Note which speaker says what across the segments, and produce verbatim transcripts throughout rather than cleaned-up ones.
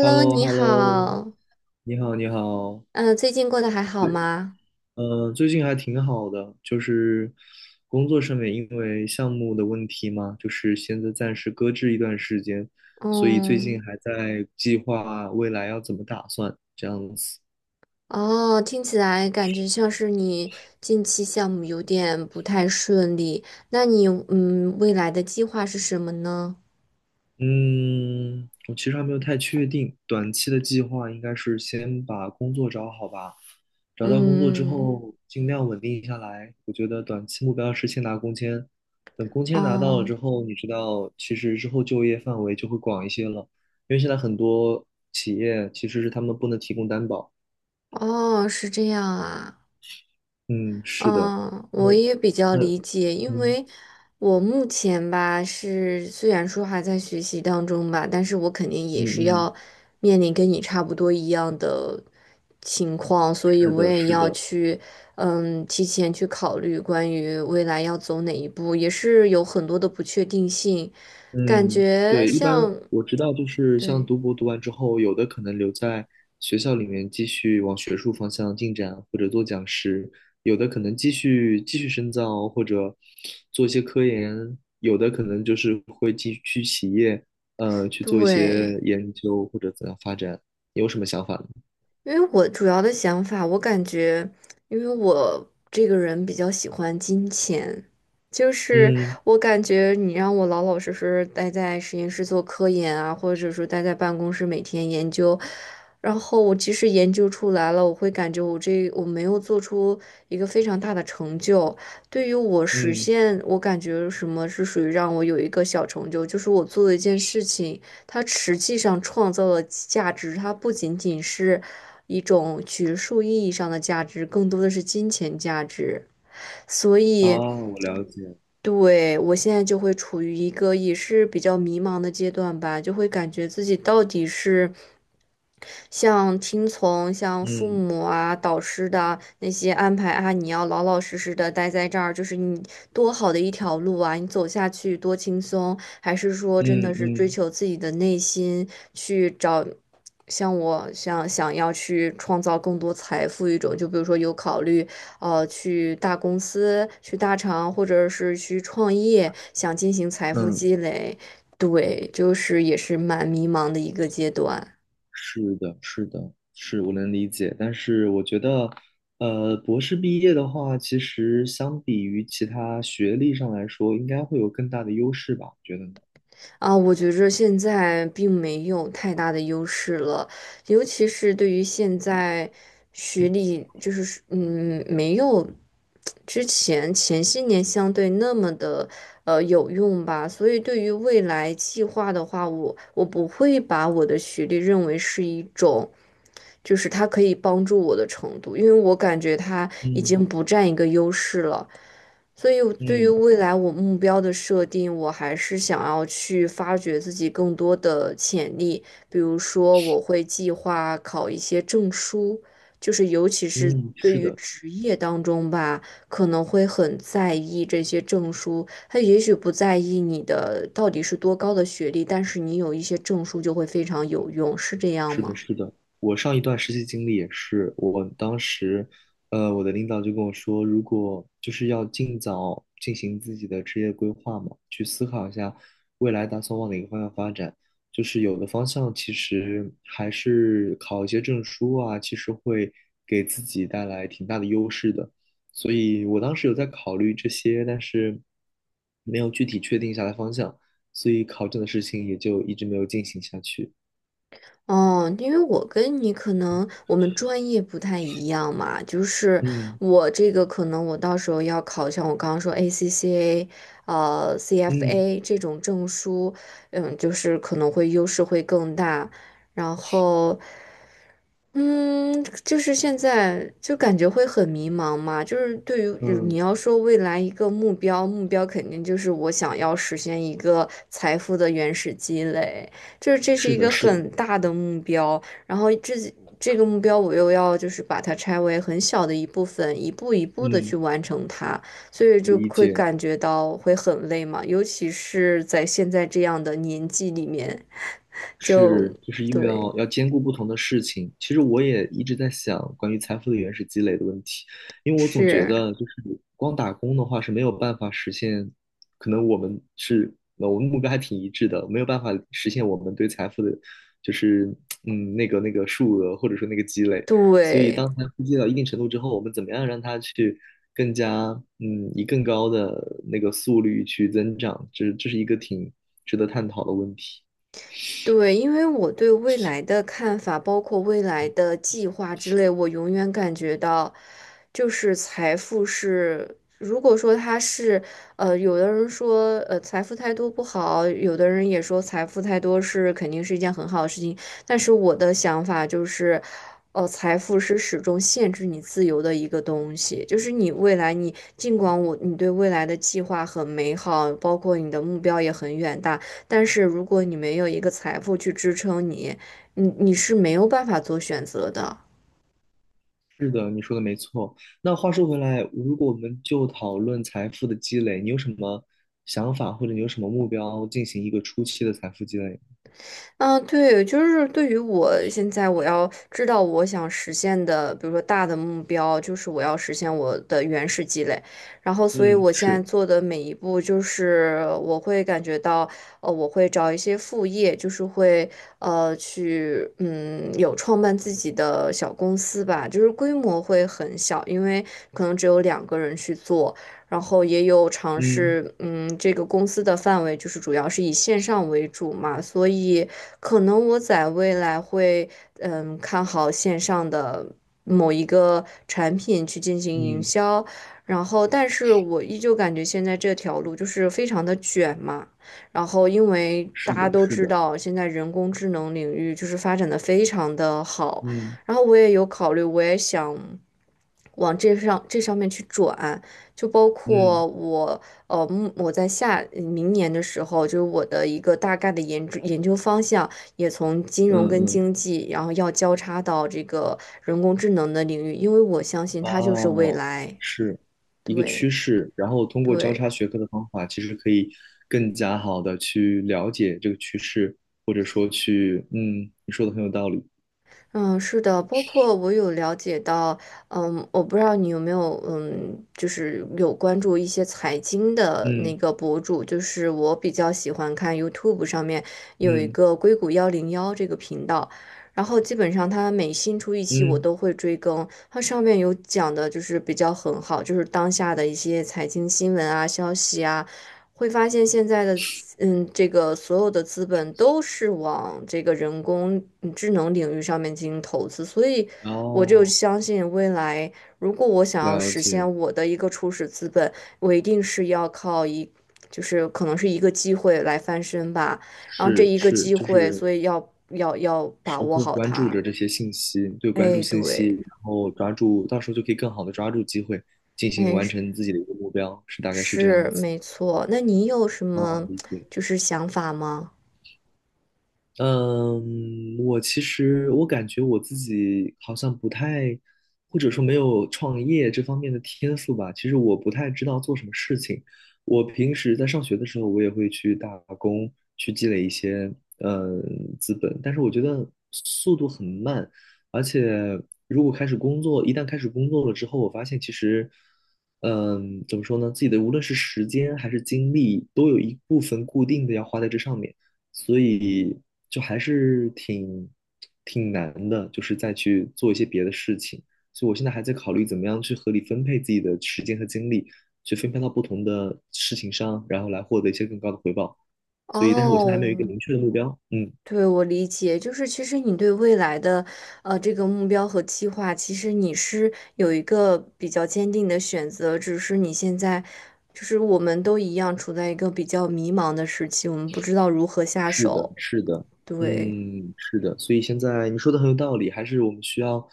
Speaker 1: h e l l o h
Speaker 2: 你
Speaker 1: e l l o
Speaker 2: 好，
Speaker 1: 你好，你好，
Speaker 2: 嗯，最近过得还好
Speaker 1: 对，
Speaker 2: 吗？
Speaker 1: 呃，最近还挺好的，就是工作上面因为项目的问题嘛，就是现在暂时搁置一段时间，所以最
Speaker 2: 嗯，
Speaker 1: 近还在计划未来要怎么打算这样子。
Speaker 2: 哦，听起来感觉像是你近期项目有点不太顺利，那你嗯未来的计划是什么呢？
Speaker 1: 嗯，我其实还没有太确定，短期的计划应该是先把工作找好吧，找到工作之
Speaker 2: 嗯，
Speaker 1: 后尽量稳定下来。我觉得短期目标是先拿工签，等工签拿到了
Speaker 2: 哦，
Speaker 1: 之后，你知道，其实之后就业范围就会广一些了，因为现在很多企业其实是他们不能提供担保。
Speaker 2: 哦，是这样啊，
Speaker 1: 嗯，是的，
Speaker 2: 嗯，
Speaker 1: 那
Speaker 2: 我也比较
Speaker 1: 那
Speaker 2: 理解，因
Speaker 1: 嗯
Speaker 2: 为我目前吧是虽然说还在学习当中吧，但是我肯定
Speaker 1: 嗯
Speaker 2: 也是要
Speaker 1: 嗯，
Speaker 2: 面临跟你差不多一样的情况，所以
Speaker 1: 是
Speaker 2: 我
Speaker 1: 的，
Speaker 2: 也
Speaker 1: 是
Speaker 2: 要
Speaker 1: 的。
Speaker 2: 去嗯提前去考虑关于未来要走哪一步，也是有很多的不确定性，感
Speaker 1: 嗯，
Speaker 2: 觉
Speaker 1: 对，一般
Speaker 2: 像
Speaker 1: 我知道，就是像
Speaker 2: 对
Speaker 1: 读博读完之后，有的可能留在学校里面继续往学术方向进展，或者做讲师；有的可能继续继续深造，或者做一些科研；有的可能就是会继续去企业，呃，去做一
Speaker 2: 对。
Speaker 1: 些研究或者怎样发展。你有什么想法呢？
Speaker 2: 因为我主要的想法，我感觉，因为我这个人比较喜欢金钱，就是
Speaker 1: 嗯
Speaker 2: 我感觉你让我老老实实待在实验室做科研啊，或者说待在办公室每天研究，然后我即使研究出来了，我会感觉我这我没有做出一个非常大的成就。对于我实
Speaker 1: 嗯，
Speaker 2: 现，我感觉什么是属于让我有一个小成就，就是我做了一件事情。它实际上创造的价值，它不仅仅是一种学术意义上的价值，更多的是金钱价值。所
Speaker 1: 啊，
Speaker 2: 以，
Speaker 1: 我了解。
Speaker 2: 对，我现在就会处于一个也是比较迷茫的阶段吧，就会感觉自己到底是像听从像父
Speaker 1: 嗯
Speaker 2: 母啊、导师的那些安排啊，你要老老实实的待在这儿，就是你多好的一条路啊，你走下去多轻松，还是说真
Speaker 1: 嗯
Speaker 2: 的是追
Speaker 1: 嗯
Speaker 2: 求自己的内心，去找像我想想要去创造更多财富一种，就比如说有考虑呃去大公司、去大厂，或者是去创业，想进行财富
Speaker 1: 嗯。
Speaker 2: 积累。对，就是也是蛮迷茫的一个阶段。
Speaker 1: 是的，是的，是我能理解，但是我觉得，呃，博士毕业的话，其实相比于其他学历上来说，应该会有更大的优势吧？觉得呢？
Speaker 2: 啊，我觉着现在并没有太大的优势了，尤其是对于现在学历，就是嗯，没有之前前些年相对那么的呃有用吧。所以对于未来计划的话，我我不会把我的学历认为是一种，就是它可以帮助我的程度，因为我感觉它已经
Speaker 1: 嗯
Speaker 2: 不占一个优势了。所以我对于
Speaker 1: 嗯
Speaker 2: 未来我目标的设定，我还是想要去发掘自己更多的潜力。比如说，我会计划考一些证书，就是尤其是
Speaker 1: 嗯，
Speaker 2: 对
Speaker 1: 是
Speaker 2: 于
Speaker 1: 的。
Speaker 2: 职业当中吧，可能会很在意这些证书。他也许不在意你的到底是多高的学历，但是你有一些证书就会非常有用，是这样
Speaker 1: 是的，
Speaker 2: 吗？
Speaker 1: 是的，我上一段实习经历也是，我当时，呃，我的领导就跟我说，如果就是要尽早进行自己的职业规划嘛，去思考一下未来打算往哪个方向发展。就是有的方向其实还是考一些证书啊，其实会给自己带来挺大的优势的。所以我当时有在考虑这些，但是没有具体确定下来方向，所以考证的事情也就一直没有进行下去。
Speaker 2: 哦，因为我跟你可能我们专业不太一样嘛，就是
Speaker 1: 嗯
Speaker 2: 我这个可能我到时候要考像我刚刚说 A C C A，呃
Speaker 1: 嗯，
Speaker 2: C F A 这种证书，嗯，就是可能会优势会更大。然后嗯，就是现在就感觉会很迷茫嘛，就是对于你
Speaker 1: 嗯，
Speaker 2: 要说未来一个目标，目标肯定就是我想要实现一个财富的原始积累，就是这是
Speaker 1: 是
Speaker 2: 一
Speaker 1: 的，
Speaker 2: 个
Speaker 1: 是的，
Speaker 2: 很大的目标，然后这这个目标我又要就是把它拆为很小的一部分，一步一步的去
Speaker 1: 嗯，
Speaker 2: 完成它，所以就
Speaker 1: 理
Speaker 2: 会
Speaker 1: 解。
Speaker 2: 感觉到会很累嘛，尤其是在现在这样的年纪里面，就
Speaker 1: 是，就是因为
Speaker 2: 对，
Speaker 1: 要要兼顾不同的事情。其实我也一直在想关于财富的原始积累的问题，因为我总觉
Speaker 2: 是，
Speaker 1: 得就是光打工的话是没有办法实现，可能我们是呃我们目标还挺一致的，没有办法实现我们对财富的，就是嗯那个那个数额或者说那个积累。所以
Speaker 2: 对。
Speaker 1: 当财富积累到一定程度之后，我们怎么样让它去更加嗯以更高的那个速率去增长，这这是一个挺值得探讨的问题。
Speaker 2: 对，因为我对未来的看法，包括未来的计划之类，我永远感觉到，就是财富是，如果说它是，呃，有的人说，呃，财富太多不好，有的人也说财富太多是肯定是一件很好的事情，但是我的想法就是，呃，财富是始终限制你自由的一个东西，就是你未来你，尽管我你对未来的计划很美好，包括你的目标也很远大。但是如果你没有一个财富去支撑你，你你是没有办法做选择的。
Speaker 1: 是的，你说的没错。那话说回来，如果我们就讨论财富的积累，你有什么想法，或者你有什么目标进行一个初期的财富积累？
Speaker 2: 嗯，对，就是对于我现在我要知道我想实现的，比如说大的目标，就是我要实现我的原始积累。然后，所以
Speaker 1: 嗯，
Speaker 2: 我现在
Speaker 1: 是，
Speaker 2: 做的每一步，就是我会感觉到，呃，我会找一些副业，就是会呃去嗯有创办自己的小公司吧，就是规模会很小，因为可能只有两个人去做。然后也有尝
Speaker 1: 嗯
Speaker 2: 试，嗯，这个公司的范围就是主要是以线上为主嘛，所以可能我在未来会，嗯，看好线上的某一个产品去进行营
Speaker 1: 嗯，
Speaker 2: 销，然后但是我依旧感觉现在这条路就是非常的卷嘛，然后因为大
Speaker 1: 是
Speaker 2: 家
Speaker 1: 的，
Speaker 2: 都
Speaker 1: 是
Speaker 2: 知
Speaker 1: 的，
Speaker 2: 道现在人工智能领域就是发展的非常的好，
Speaker 1: 嗯
Speaker 2: 然后我也有考虑，我也想。往这上这上面去转，就包
Speaker 1: 嗯
Speaker 2: 括我，呃，目我在下嗯明年的时候，就是我的一个大概的研究研究方向，也从金融
Speaker 1: 嗯
Speaker 2: 跟
Speaker 1: 嗯，
Speaker 2: 经济，然后要交叉到这个人工智能的领域，因为我相信它就是未
Speaker 1: 哦，
Speaker 2: 来。
Speaker 1: 是一个趋
Speaker 2: 对
Speaker 1: 势。然后通过交
Speaker 2: 对。
Speaker 1: 叉学科的方法，其实可以更加好的去了解这个趋势，或者说去，嗯，你说的很有道理。
Speaker 2: 嗯，是的，包括我有了解到，嗯，我不知道你有没有，嗯，就是有关注一些财经的
Speaker 1: 嗯
Speaker 2: 那个博主，就是我比较喜欢看 YouTube 上面有一
Speaker 1: 嗯
Speaker 2: 个硅谷幺零幺这个频道，然后基本上它每新出一期我
Speaker 1: 嗯，
Speaker 2: 都会追更，它上面有讲的就是比较很好，就是当下的一些财经新闻啊、消息啊。会发现现在的资嗯，这个所有的资本都是往这个人工嗯智能领域上面进行投资，所以我就
Speaker 1: 哦，
Speaker 2: 相信未来，如果我想要
Speaker 1: 了
Speaker 2: 实
Speaker 1: 解。
Speaker 2: 现我的一个初始资本，我一定是要靠一，就是可能是一个机会来翻身吧，然后这
Speaker 1: 是
Speaker 2: 一个
Speaker 1: 是，
Speaker 2: 机
Speaker 1: 就
Speaker 2: 会，
Speaker 1: 是
Speaker 2: 所以要要要把
Speaker 1: 时
Speaker 2: 握
Speaker 1: 刻
Speaker 2: 好
Speaker 1: 关注
Speaker 2: 它。
Speaker 1: 着这些信息，对，关注
Speaker 2: 哎，
Speaker 1: 信息，
Speaker 2: 对，
Speaker 1: 然后抓住，到时候就可以更好的抓住机会，进行
Speaker 2: 哎，
Speaker 1: 完
Speaker 2: 是
Speaker 1: 成自己的一个目标，是大概是这样
Speaker 2: 是
Speaker 1: 子。
Speaker 2: 没错。那你有什
Speaker 1: 哦，
Speaker 2: 么
Speaker 1: 理解。
Speaker 2: 就是想法吗？
Speaker 1: 嗯，我其实我感觉我自己好像不太，或者说没有创业这方面的天赋吧。其实我不太知道做什么事情。我平时在上学的时候，我也会去打工，去积累一些嗯资本，但是我觉得速度很慢，而且如果开始工作，一旦开始工作了之后，我发现其实。嗯，怎么说呢？自己的无论是时间还是精力，都有一部分固定的要花在这上面。所以就还是挺挺难的，就是再去做一些别的事情。所以我现在还在考虑怎么样去合理分配自己的时间和精力，去分配到不同的事情上，然后来获得一些更高的回报。所以，但是我现在还没有一个
Speaker 2: 哦。
Speaker 1: 明确的目标。嗯，
Speaker 2: 对，我理解，就是其实你对未来的，呃，这个目标和计划，其实你是有一个比较坚定的选择，只是你现在，就是我们都一样处在一个比较迷茫的时期，我们不知道如何下
Speaker 1: 是的，
Speaker 2: 手。
Speaker 1: 是的，
Speaker 2: 对。
Speaker 1: 嗯，是的，所以现在你说的很有道理，还是我们需要，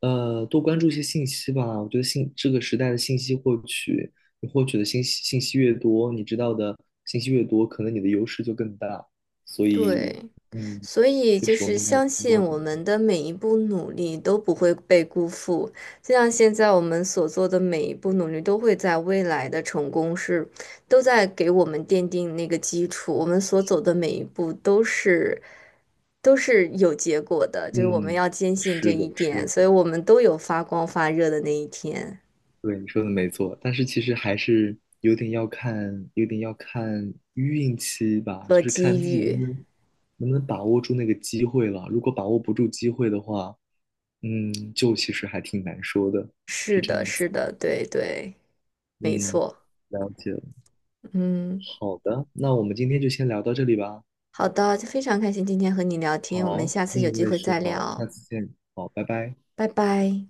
Speaker 1: 呃，多关注一些信息吧。我觉得信这个时代的信息获取，你获取的信息信息越多，你知道的信息越多，可能你的优势就更大。所以，
Speaker 2: 对，
Speaker 1: 嗯，
Speaker 2: 所以
Speaker 1: 确
Speaker 2: 就
Speaker 1: 实我
Speaker 2: 是
Speaker 1: 们应该
Speaker 2: 相信
Speaker 1: 多点，
Speaker 2: 我们的每一步努力都不会被辜负，就像现在我们所做的每一步努力，都会在未来的成功是，都在给我们奠定那个基础，我们所走的每一步都是都是有结果的，就是我们
Speaker 1: 嗯，
Speaker 2: 要坚信这
Speaker 1: 是的，
Speaker 2: 一点，
Speaker 1: 是
Speaker 2: 所以
Speaker 1: 的。
Speaker 2: 我们都有发光发热的那一天
Speaker 1: 对，你说的没错，但是其实还是有点要看，有点要看运气吧，就
Speaker 2: 和
Speaker 1: 是
Speaker 2: 机
Speaker 1: 看自己能
Speaker 2: 遇。
Speaker 1: 不能能不能把握住那个机会了。如果把握不住机会的话，嗯，就其实还挺难说的，是
Speaker 2: 是
Speaker 1: 这
Speaker 2: 的，
Speaker 1: 样子。
Speaker 2: 是的，对对，没
Speaker 1: 嗯，
Speaker 2: 错，
Speaker 1: 了解了。
Speaker 2: 嗯。
Speaker 1: 好的，那我们今天就先聊到这里吧。
Speaker 2: 好的，非常开心今天和你聊天，我们
Speaker 1: 好，
Speaker 2: 下次有
Speaker 1: 嗯，
Speaker 2: 机
Speaker 1: 我也
Speaker 2: 会再
Speaker 1: 是。好，我们下
Speaker 2: 聊，
Speaker 1: 次见。好，拜拜。
Speaker 2: 拜拜。